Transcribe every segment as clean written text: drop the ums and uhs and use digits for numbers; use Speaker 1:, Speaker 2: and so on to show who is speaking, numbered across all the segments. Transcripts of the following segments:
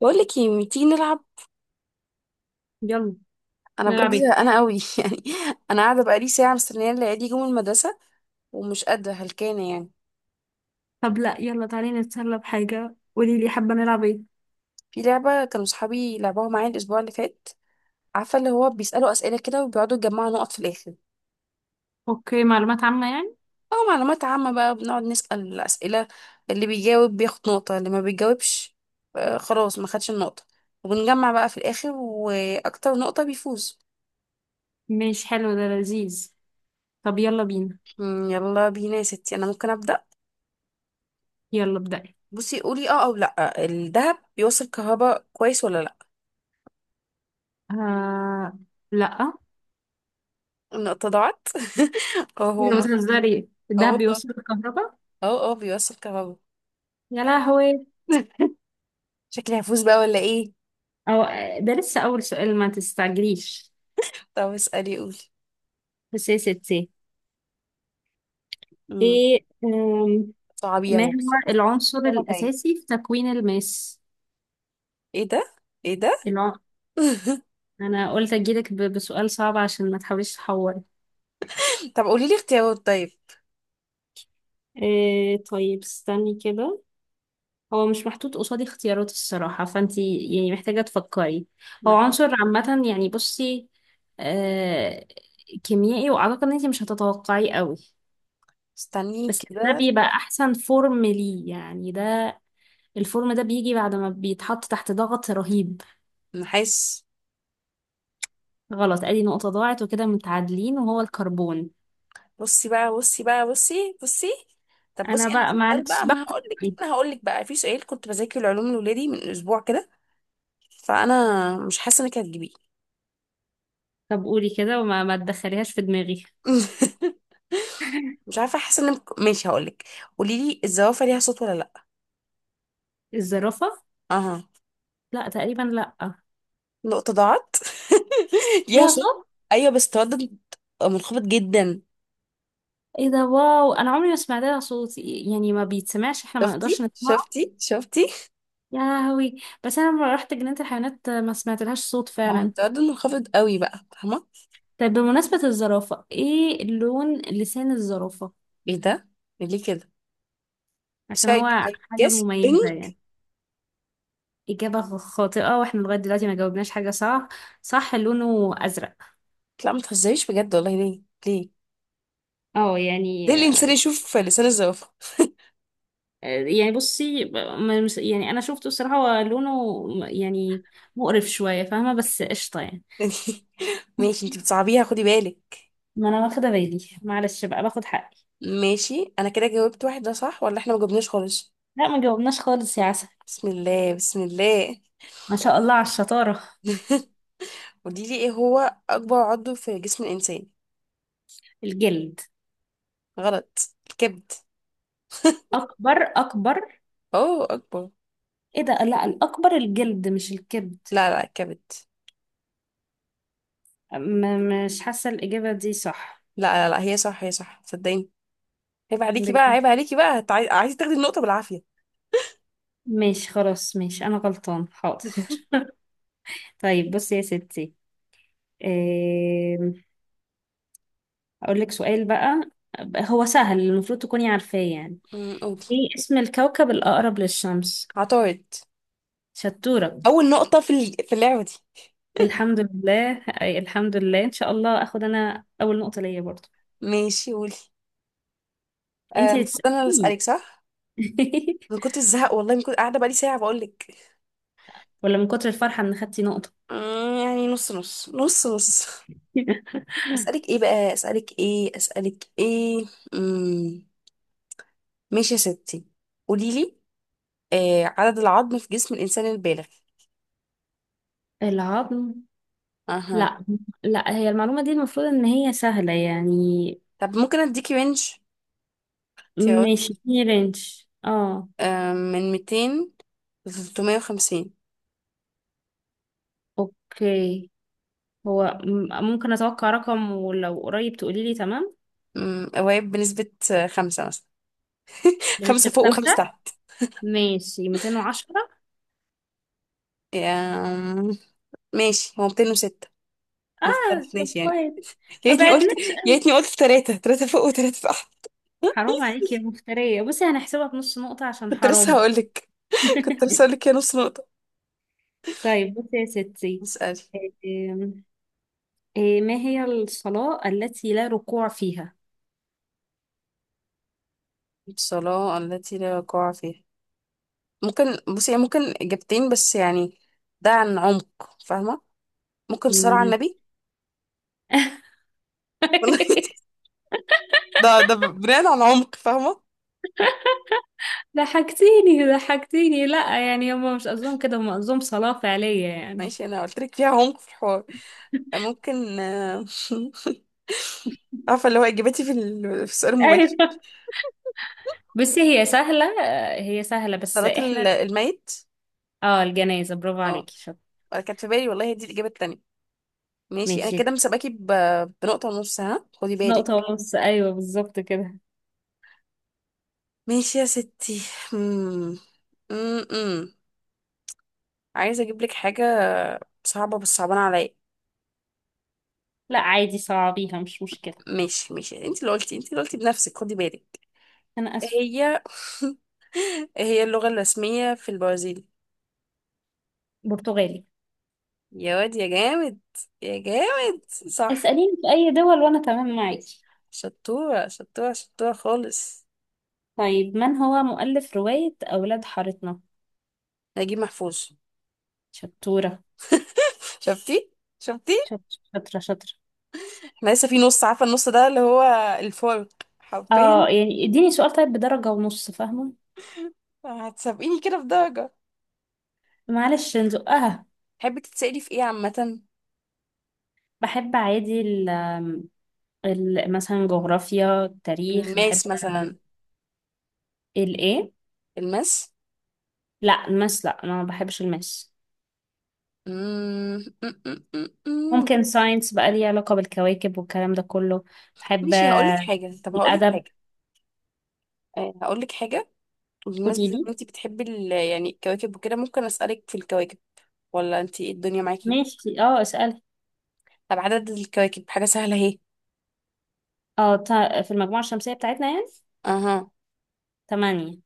Speaker 1: بقول لك ايه ما تيجي نلعب.
Speaker 2: يلا.
Speaker 1: انا بجد
Speaker 2: نلعب ايه؟
Speaker 1: زهقانه قوي يعني. انا قاعده بقالي ساعه مستنيه العيال يجوا من المدرسه، ومش قادره هلكانه يعني.
Speaker 2: طب لا، يلا تعالي نتسلى بحاجة، قولي لي حابة نلعب ايه؟
Speaker 1: في لعبه كانوا صحابي لعبوها معايا الاسبوع اللي فات. عارفه اللي هو بيسالوا اسئله كده، وبيقعدوا يجمعوا نقط في الاخر.
Speaker 2: اوكي، معلومات عامة يعني.
Speaker 1: او معلومات عامه بقى، بنقعد نسال الاسئله. اللي بيجاوب بياخد نقطه، اللي ما بيجاوبش آه، خلاص ما خدش النقطه. وبنجمع بقى في الاخر، واكتر نقطه بيفوز.
Speaker 2: مش حلو، ده لذيذ. طب يلا بينا.
Speaker 1: مم، يلا بينا يا ستي، انا ممكن ابدا.
Speaker 2: يلا ابدأي.
Speaker 1: بصي، قولي اه او لا، الذهب بيوصل كهرباء كويس ولا لا؟
Speaker 2: آه. لا.
Speaker 1: النقطة ضاعت. اه
Speaker 2: ايه
Speaker 1: هو
Speaker 2: ده، بتهزري؟
Speaker 1: اه
Speaker 2: الدهب
Speaker 1: والله.
Speaker 2: بيوصل الكهرباء؟
Speaker 1: اه اه بيوصل كهربا.
Speaker 2: يا لهوي.
Speaker 1: شكلي هفوز بقى ولا ايه؟
Speaker 2: او. ده لسه اول سؤال، ما تستعجليش.
Speaker 1: طب اسألي، قولي.
Speaker 2: بس يا ستي.
Speaker 1: امم
Speaker 2: ايه
Speaker 1: صعبي
Speaker 2: ما
Speaker 1: اهو، بس
Speaker 2: هو
Speaker 1: بس.
Speaker 2: العنصر
Speaker 1: الصعبة جاية.
Speaker 2: الاساسي في تكوين الماس؟
Speaker 1: ايه ده؟ ايه ده؟
Speaker 2: الع... انا قلت اجيلك بسؤال صعب عشان ما تحاوليش تحوري.
Speaker 1: طب قولي لي اختيارات، طيب.
Speaker 2: إيه، طيب استني كده. هو مش محطوط قصادي اختيارات الصراحة، فانتي يعني محتاجة تفكري. هو
Speaker 1: مح-
Speaker 2: عنصر عامة يعني، بصي. آه. كيميائي، واعتقد ان انتي مش هتتوقعيه قوي.
Speaker 1: استني
Speaker 2: بس ده
Speaker 1: كده.
Speaker 2: بيبقى احسن فورم ليه يعني، ده الفورم ده بيجي بعد ما بيتحط تحت ضغط رهيب.
Speaker 1: نحس.
Speaker 2: غلط، ادي نقطة ضاعت وكده متعادلين، وهو الكربون.
Speaker 1: بصي بقى، بصي بقى، بصي بصي. طب
Speaker 2: انا
Speaker 1: بصي، انا
Speaker 2: بقى
Speaker 1: في سؤال
Speaker 2: معلش
Speaker 1: بقى،
Speaker 2: بقى.
Speaker 1: ما هقول لك انا هقول لك بقى، في سؤال كنت بذاكر العلوم لولادي من اسبوع كده. فانا مش حاسه انك هتجيبيه.
Speaker 2: طب قولي كده، وما ما تدخليهاش في دماغي.
Speaker 1: مش عارفه، حاسه ان ماشي، هقولك. قولي لي الزوافه ليها صوت ولا لا؟
Speaker 2: الزرافة.
Speaker 1: اها.
Speaker 2: لا، تقريبا لا.
Speaker 1: نقطه ضاعت. ليها
Speaker 2: ليها
Speaker 1: صوت.
Speaker 2: صوت.
Speaker 1: ايوه، بس تردد منخفض جدا.
Speaker 2: ايه ده، واو. انا عمري ما سمعت لها صوت، يعني ما بيتسمعش، احنا ما
Speaker 1: شفتي
Speaker 2: نقدرش نسمعه.
Speaker 1: شفتي شفتي.
Speaker 2: يا لهوي. بس انا لما رحت جنينة الحيوانات ما سمعت لهاش صوت
Speaker 1: ما هو
Speaker 2: فعلا.
Speaker 1: التردد منخفض قوي بقى، فاهمه.
Speaker 2: طيب بمناسبة الزرافة، ايه لون لسان الزرافة؟
Speaker 1: ايه ده؟ إيه ليه كده؟ بس
Speaker 2: عشان
Speaker 1: I
Speaker 2: هو
Speaker 1: I
Speaker 2: حاجة
Speaker 1: guess
Speaker 2: مميزة
Speaker 1: pink.
Speaker 2: يعني. إجابة خاطئة، واحنا لغاية دلوقتي ما جاوبناش حاجة صح. صح، لونه أزرق.
Speaker 1: لا ما تهزريش بجد والله، ليه؟ ليه؟
Speaker 2: اه
Speaker 1: ليه
Speaker 2: يعني.
Speaker 1: الانسان يشوف لسان الزوافه؟
Speaker 2: يعني بصي، يعني انا شفته الصراحة، هو لونه يعني مقرف شوية، فاهمة؟ بس قشطة يعني.
Speaker 1: ماشي انت بتصعبيها، خدي بالك.
Speaker 2: ما انا واخدة بالي، معلش بقى باخد حقي.
Speaker 1: ماشي، انا كده جاوبت واحد، ده صح ولا احنا ما جبناش خالص؟
Speaker 2: لا، ما جاوبناش خالص يا عسل.
Speaker 1: بسم الله، بسم الله.
Speaker 2: ما شاء الله على الشطارة.
Speaker 1: قولي لي، ايه هو اكبر عضو في جسم الانسان؟
Speaker 2: الجلد.
Speaker 1: غلط. الكبد.
Speaker 2: أكبر أكبر.
Speaker 1: اوه، اكبر.
Speaker 2: إيه ده، لا الأكبر الجلد مش الكبد.
Speaker 1: لا لا، الكبد.
Speaker 2: مش حاسة الإجابة دي صح.
Speaker 1: لا لا لا، هي صح، هي صح، صدقيني. عيب عليكي بقى،
Speaker 2: بجد؟
Speaker 1: عيب عليكي بقى، عايزه تاخدي النقطه بالعافيه.
Speaker 2: ماشي خلاص، ماشي، أنا غلطان، حاضر. طيب بصي يا ستي. إيه... أقول لك سؤال بقى. هو سهل، المفروض تكوني عارفاه يعني.
Speaker 1: قولي.
Speaker 2: إيه اسم الكوكب الأقرب للشمس؟
Speaker 1: عطارد.
Speaker 2: شطورة.
Speaker 1: اول نقطه في في اللعبه دي.
Speaker 2: الحمد لله، أي الحمد لله، إن شاء الله أخد أنا أول نقطة ليا برضو.
Speaker 1: ماشي قولي. آه،
Speaker 2: انتي اللي
Speaker 1: المفروض انا اللي
Speaker 2: تسأليني.
Speaker 1: اسالك صح. انا كنت الزهق والله، من كنت قاعده بقالي ساعه، بقول لك.
Speaker 2: ولا من كتر الفرحة ان خدتي نقطة؟
Speaker 1: يعني نص نص نص نص. اسالك ايه بقى، اسالك ايه، اسالك ايه؟ امم ماشي يا ستي، قولي لي. عدد العظم في جسم الإنسان البالغ؟
Speaker 2: العظم.
Speaker 1: أها.
Speaker 2: لا. لا، هي المعلومة دي المفروض ان هي سهلة يعني.
Speaker 1: طب ممكن أديكي رينج، اختيارات.
Speaker 2: ماشي، في رينج. اه.
Speaker 1: من 200 ل 350.
Speaker 2: اوكي. هو ممكن اتوقع رقم ولو قريب تقولي لي تمام.
Speaker 1: قوايب بنسبة خمسة مثلا. خمسة
Speaker 2: بنسبة
Speaker 1: فوق
Speaker 2: خمسة.
Speaker 1: وخمسة تحت.
Speaker 2: ماشي، 210.
Speaker 1: آم، ماشي هو 206. ما
Speaker 2: اه طب
Speaker 1: اختلفناش يعني.
Speaker 2: كويس.
Speaker 1: يا
Speaker 2: ما
Speaker 1: ريتني قلت.
Speaker 2: بعدناش
Speaker 1: يا
Speaker 2: قوي.
Speaker 1: ريتني قلت ثلاثة فوق وثلاثة تحت.
Speaker 2: حرام عليكي يا مفترية، بصي هنحسبها بنص نقطة عشان
Speaker 1: كنت لسه
Speaker 2: حرام.
Speaker 1: هقولك. كنت لسه هقولك يا نص نقطة.
Speaker 2: طيب بصي يا ستي.
Speaker 1: اسألي.
Speaker 2: إيه ما هي الصلاة التي لا ركوع فيها؟
Speaker 1: الصلاة التي لا وقوع فيها. ممكن بصي يعني، ممكن إجابتين بس يعني. ده عن عمق فاهمة. ممكن صلاة على
Speaker 2: مم.
Speaker 1: النبي. والله. ده بناء على عمق فاهمة.
Speaker 2: ضحكتيني ضحكتيني، لا يعني هم مش قصدهم كده، هم قصدهم صلاة فعلية يعني.
Speaker 1: ماشي، انا قلت لك فيها عمق في الحوار. ممكن. عارفة اللي هو اجابتي في في السؤال المباشر.
Speaker 2: ايوه. بس هي سهلة، هي سهلة بس
Speaker 1: صلاة
Speaker 2: احنا.
Speaker 1: الميت.
Speaker 2: اه، الجنازة، برافو
Speaker 1: اه.
Speaker 2: عليكي، شاطر.
Speaker 1: انا كانت في بالي والله، دي الإجابة التانية. ماشي، انا
Speaker 2: ماشي.
Speaker 1: كده مسابقاكي بنقطة ونص، ها خدي
Speaker 2: نقطة
Speaker 1: بالك.
Speaker 2: ونص، ايوه بالظبط كده.
Speaker 1: ماشي يا ستي. مم. مم. عايزة اجيب لك حاجة صعبة، بس صعبانة عليا.
Speaker 2: لا عادي، صعبيها مش مشكلة.
Speaker 1: ماشي، ماشي، انت اللي قلتي، انت اللي قلتي بنفسك، خدي بالك.
Speaker 2: انا
Speaker 1: إيه
Speaker 2: اسفة.
Speaker 1: هي إيه هي اللغة الرسمية في البرازيل؟
Speaker 2: برتغالي.
Speaker 1: يا واد يا جامد. يا جامد، صح.
Speaker 2: اسأليني في اي دول وانا تمام معاكي.
Speaker 1: شطورة، شطورة، شطورة خالص.
Speaker 2: طيب، من هو مؤلف رواية اولاد حارتنا؟
Speaker 1: نجيب محفوظ.
Speaker 2: شطورة.
Speaker 1: شفتي. شفتي.
Speaker 2: شاطرة. شاطرة شاطرة.
Speaker 1: احنا لسه في نص، عارفة النص ده اللي هو الفرق حرفيا.
Speaker 2: اه يعني، اديني سؤال طيب بدرجة ونص، فاهمة؟
Speaker 1: هتسابقيني كده في درجة.
Speaker 2: معلش نزقها.
Speaker 1: تحبي تتسألي في ايه عامة؟
Speaker 2: بحب عادي، مثلا جغرافيا، التاريخ بحب.
Speaker 1: الماس مثلا.
Speaker 2: الايه؟
Speaker 1: الماس.
Speaker 2: لا، الماس لا، انا ما بحبش الماس.
Speaker 1: مم، مم، مم، مم، مم.
Speaker 2: ممكن ساينس بقى، ليه علاقة بالكواكب والكلام ده كله. بحب
Speaker 1: ماشي هقولك حاجة، طب هقولك
Speaker 2: الأدب.
Speaker 1: حاجة. آه، هقولك حاجة.
Speaker 2: قولي
Speaker 1: بمناسبة ان
Speaker 2: لي.
Speaker 1: انتي بتحبي يعني الكواكب وكده، ممكن اسألك في الكواكب؟ ولا انتي ايه الدنيا معاكي؟
Speaker 2: ماشي اه، اسألي.
Speaker 1: طب عدد الكواكب، حاجة سهلة اهي.
Speaker 2: اه، في المجموعة الشمسية بتاعتنا يعني.
Speaker 1: اها.
Speaker 2: تمانية.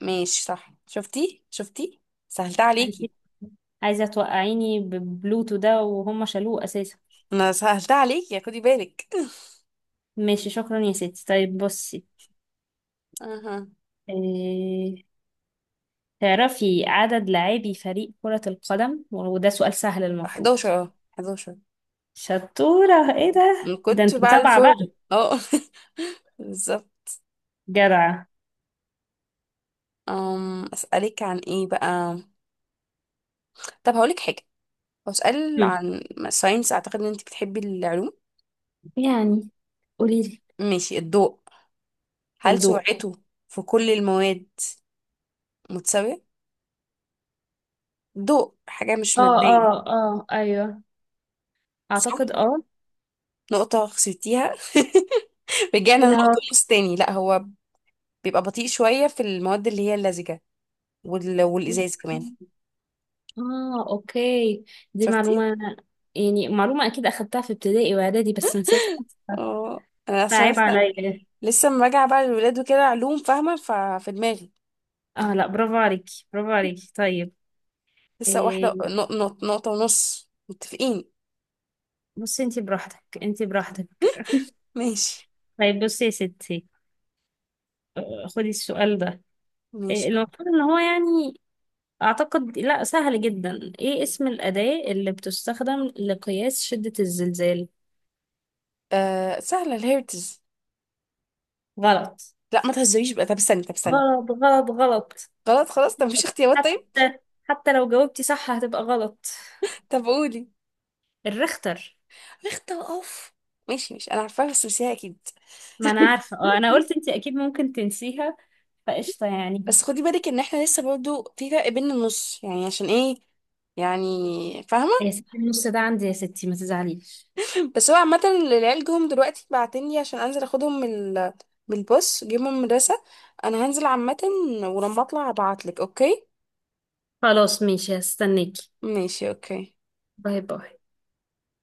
Speaker 1: ماشي صح، شفتي شفتي. سهلتها
Speaker 2: عايزة
Speaker 1: عليكي.
Speaker 2: عايزة توقعيني ببلوتو ده، وهم شالوه أساسا.
Speaker 1: انا سهلتها عليكي يعني، خدي بالك.
Speaker 2: ماشي شكرا يا ستي، طيب بصي.
Speaker 1: اها.
Speaker 2: إيه... تعرفي عدد لاعبي فريق كرة القدم؟ وده سؤال سهل المفروض.
Speaker 1: 11.
Speaker 2: شطورة، ايه ده،
Speaker 1: من
Speaker 2: ده
Speaker 1: كنت
Speaker 2: انت
Speaker 1: بقى
Speaker 2: متابعة
Speaker 1: الفاضي،
Speaker 2: بقى.
Speaker 1: اه. بالظبط.
Speaker 2: جدعة.
Speaker 1: أسألك عن ايه بقى؟ طب هقولك حاجة، بسأل
Speaker 2: هم،
Speaker 1: عن ساينس. اعتقد ان انت بتحبي العلوم.
Speaker 2: يعني. قوليلي.
Speaker 1: ماشي، الضوء. هل
Speaker 2: الضوء.
Speaker 1: سرعته في كل المواد متساوية؟ ضوء حاجة مش
Speaker 2: اه
Speaker 1: مادية،
Speaker 2: اه اه ايوه. اعتقد
Speaker 1: صح؟
Speaker 2: اه.
Speaker 1: نقطة خسرتيها رجعنا
Speaker 2: كده هو.
Speaker 1: لنقطة النص تاني. لا، هو بيبقى بطيء شوية في المواد اللي هي اللزجة، والإزاز كمان.
Speaker 2: اه، اوكي. دي
Speaker 1: شفتي.
Speaker 2: معلومة. يعني معلومة اكيد اخدتها في ابتدائي واعدادي بس نسيتها.
Speaker 1: اه، أنا عشان
Speaker 2: عيب
Speaker 1: لسه
Speaker 2: عليا.
Speaker 1: لسه لما راجعة بقى للولاد وكده علوم، فاهمة ففي دماغي.
Speaker 2: اه لا، برافو عليكي، برافو عليكي. طيب.
Speaker 1: لسه
Speaker 2: إيه؟
Speaker 1: واحدة نقطة ونص متفقين.
Speaker 2: بصي انتي براحتك، انتي براحتك.
Speaker 1: ماشي،
Speaker 2: طيب بصي يا ستي. خدي السؤال ده. إيه
Speaker 1: ماشي.
Speaker 2: المفروض ان هو يعني، اعتقد لا سهل جدا، ايه اسم الأداة اللي بتستخدم لقياس شدة الزلزال؟
Speaker 1: سهلة، الهيرتز.
Speaker 2: غلط.
Speaker 1: لا، ما تهزريش بقى، طب استني، طب استني.
Speaker 2: غلط غلط غلط.
Speaker 1: خلاص خلاص، طب مفيش اختيارات طيب؟
Speaker 2: حتى حتى لو جاوبتي صح هتبقى غلط.
Speaker 1: طب قولي.
Speaker 2: الريختر.
Speaker 1: اختار اوف. ماشي، ماشي، أنا عارفاها بس نسيها أكيد.
Speaker 2: ما انا عارفة اه، انا قلت انتي اكيد ممكن تنسيها. فقشطة يعني.
Speaker 1: بس خدي بالك ان احنا لسه برضو في فرق بين النص يعني، عشان ايه؟ يعني فاهمه.
Speaker 2: يا ستي النص ده عندي، يا ستي ما تزعليش.
Speaker 1: بس هو عامه العيال جم دلوقتي، بعتني عشان انزل اخدهم من من الباص، جيبهم من المدرسه. انا هنزل عامه. ولما اطلع ابعتلك، اوكي.
Speaker 2: خلاص ماشي، هستناكي.
Speaker 1: ماشي، اوكي.
Speaker 2: باي باي.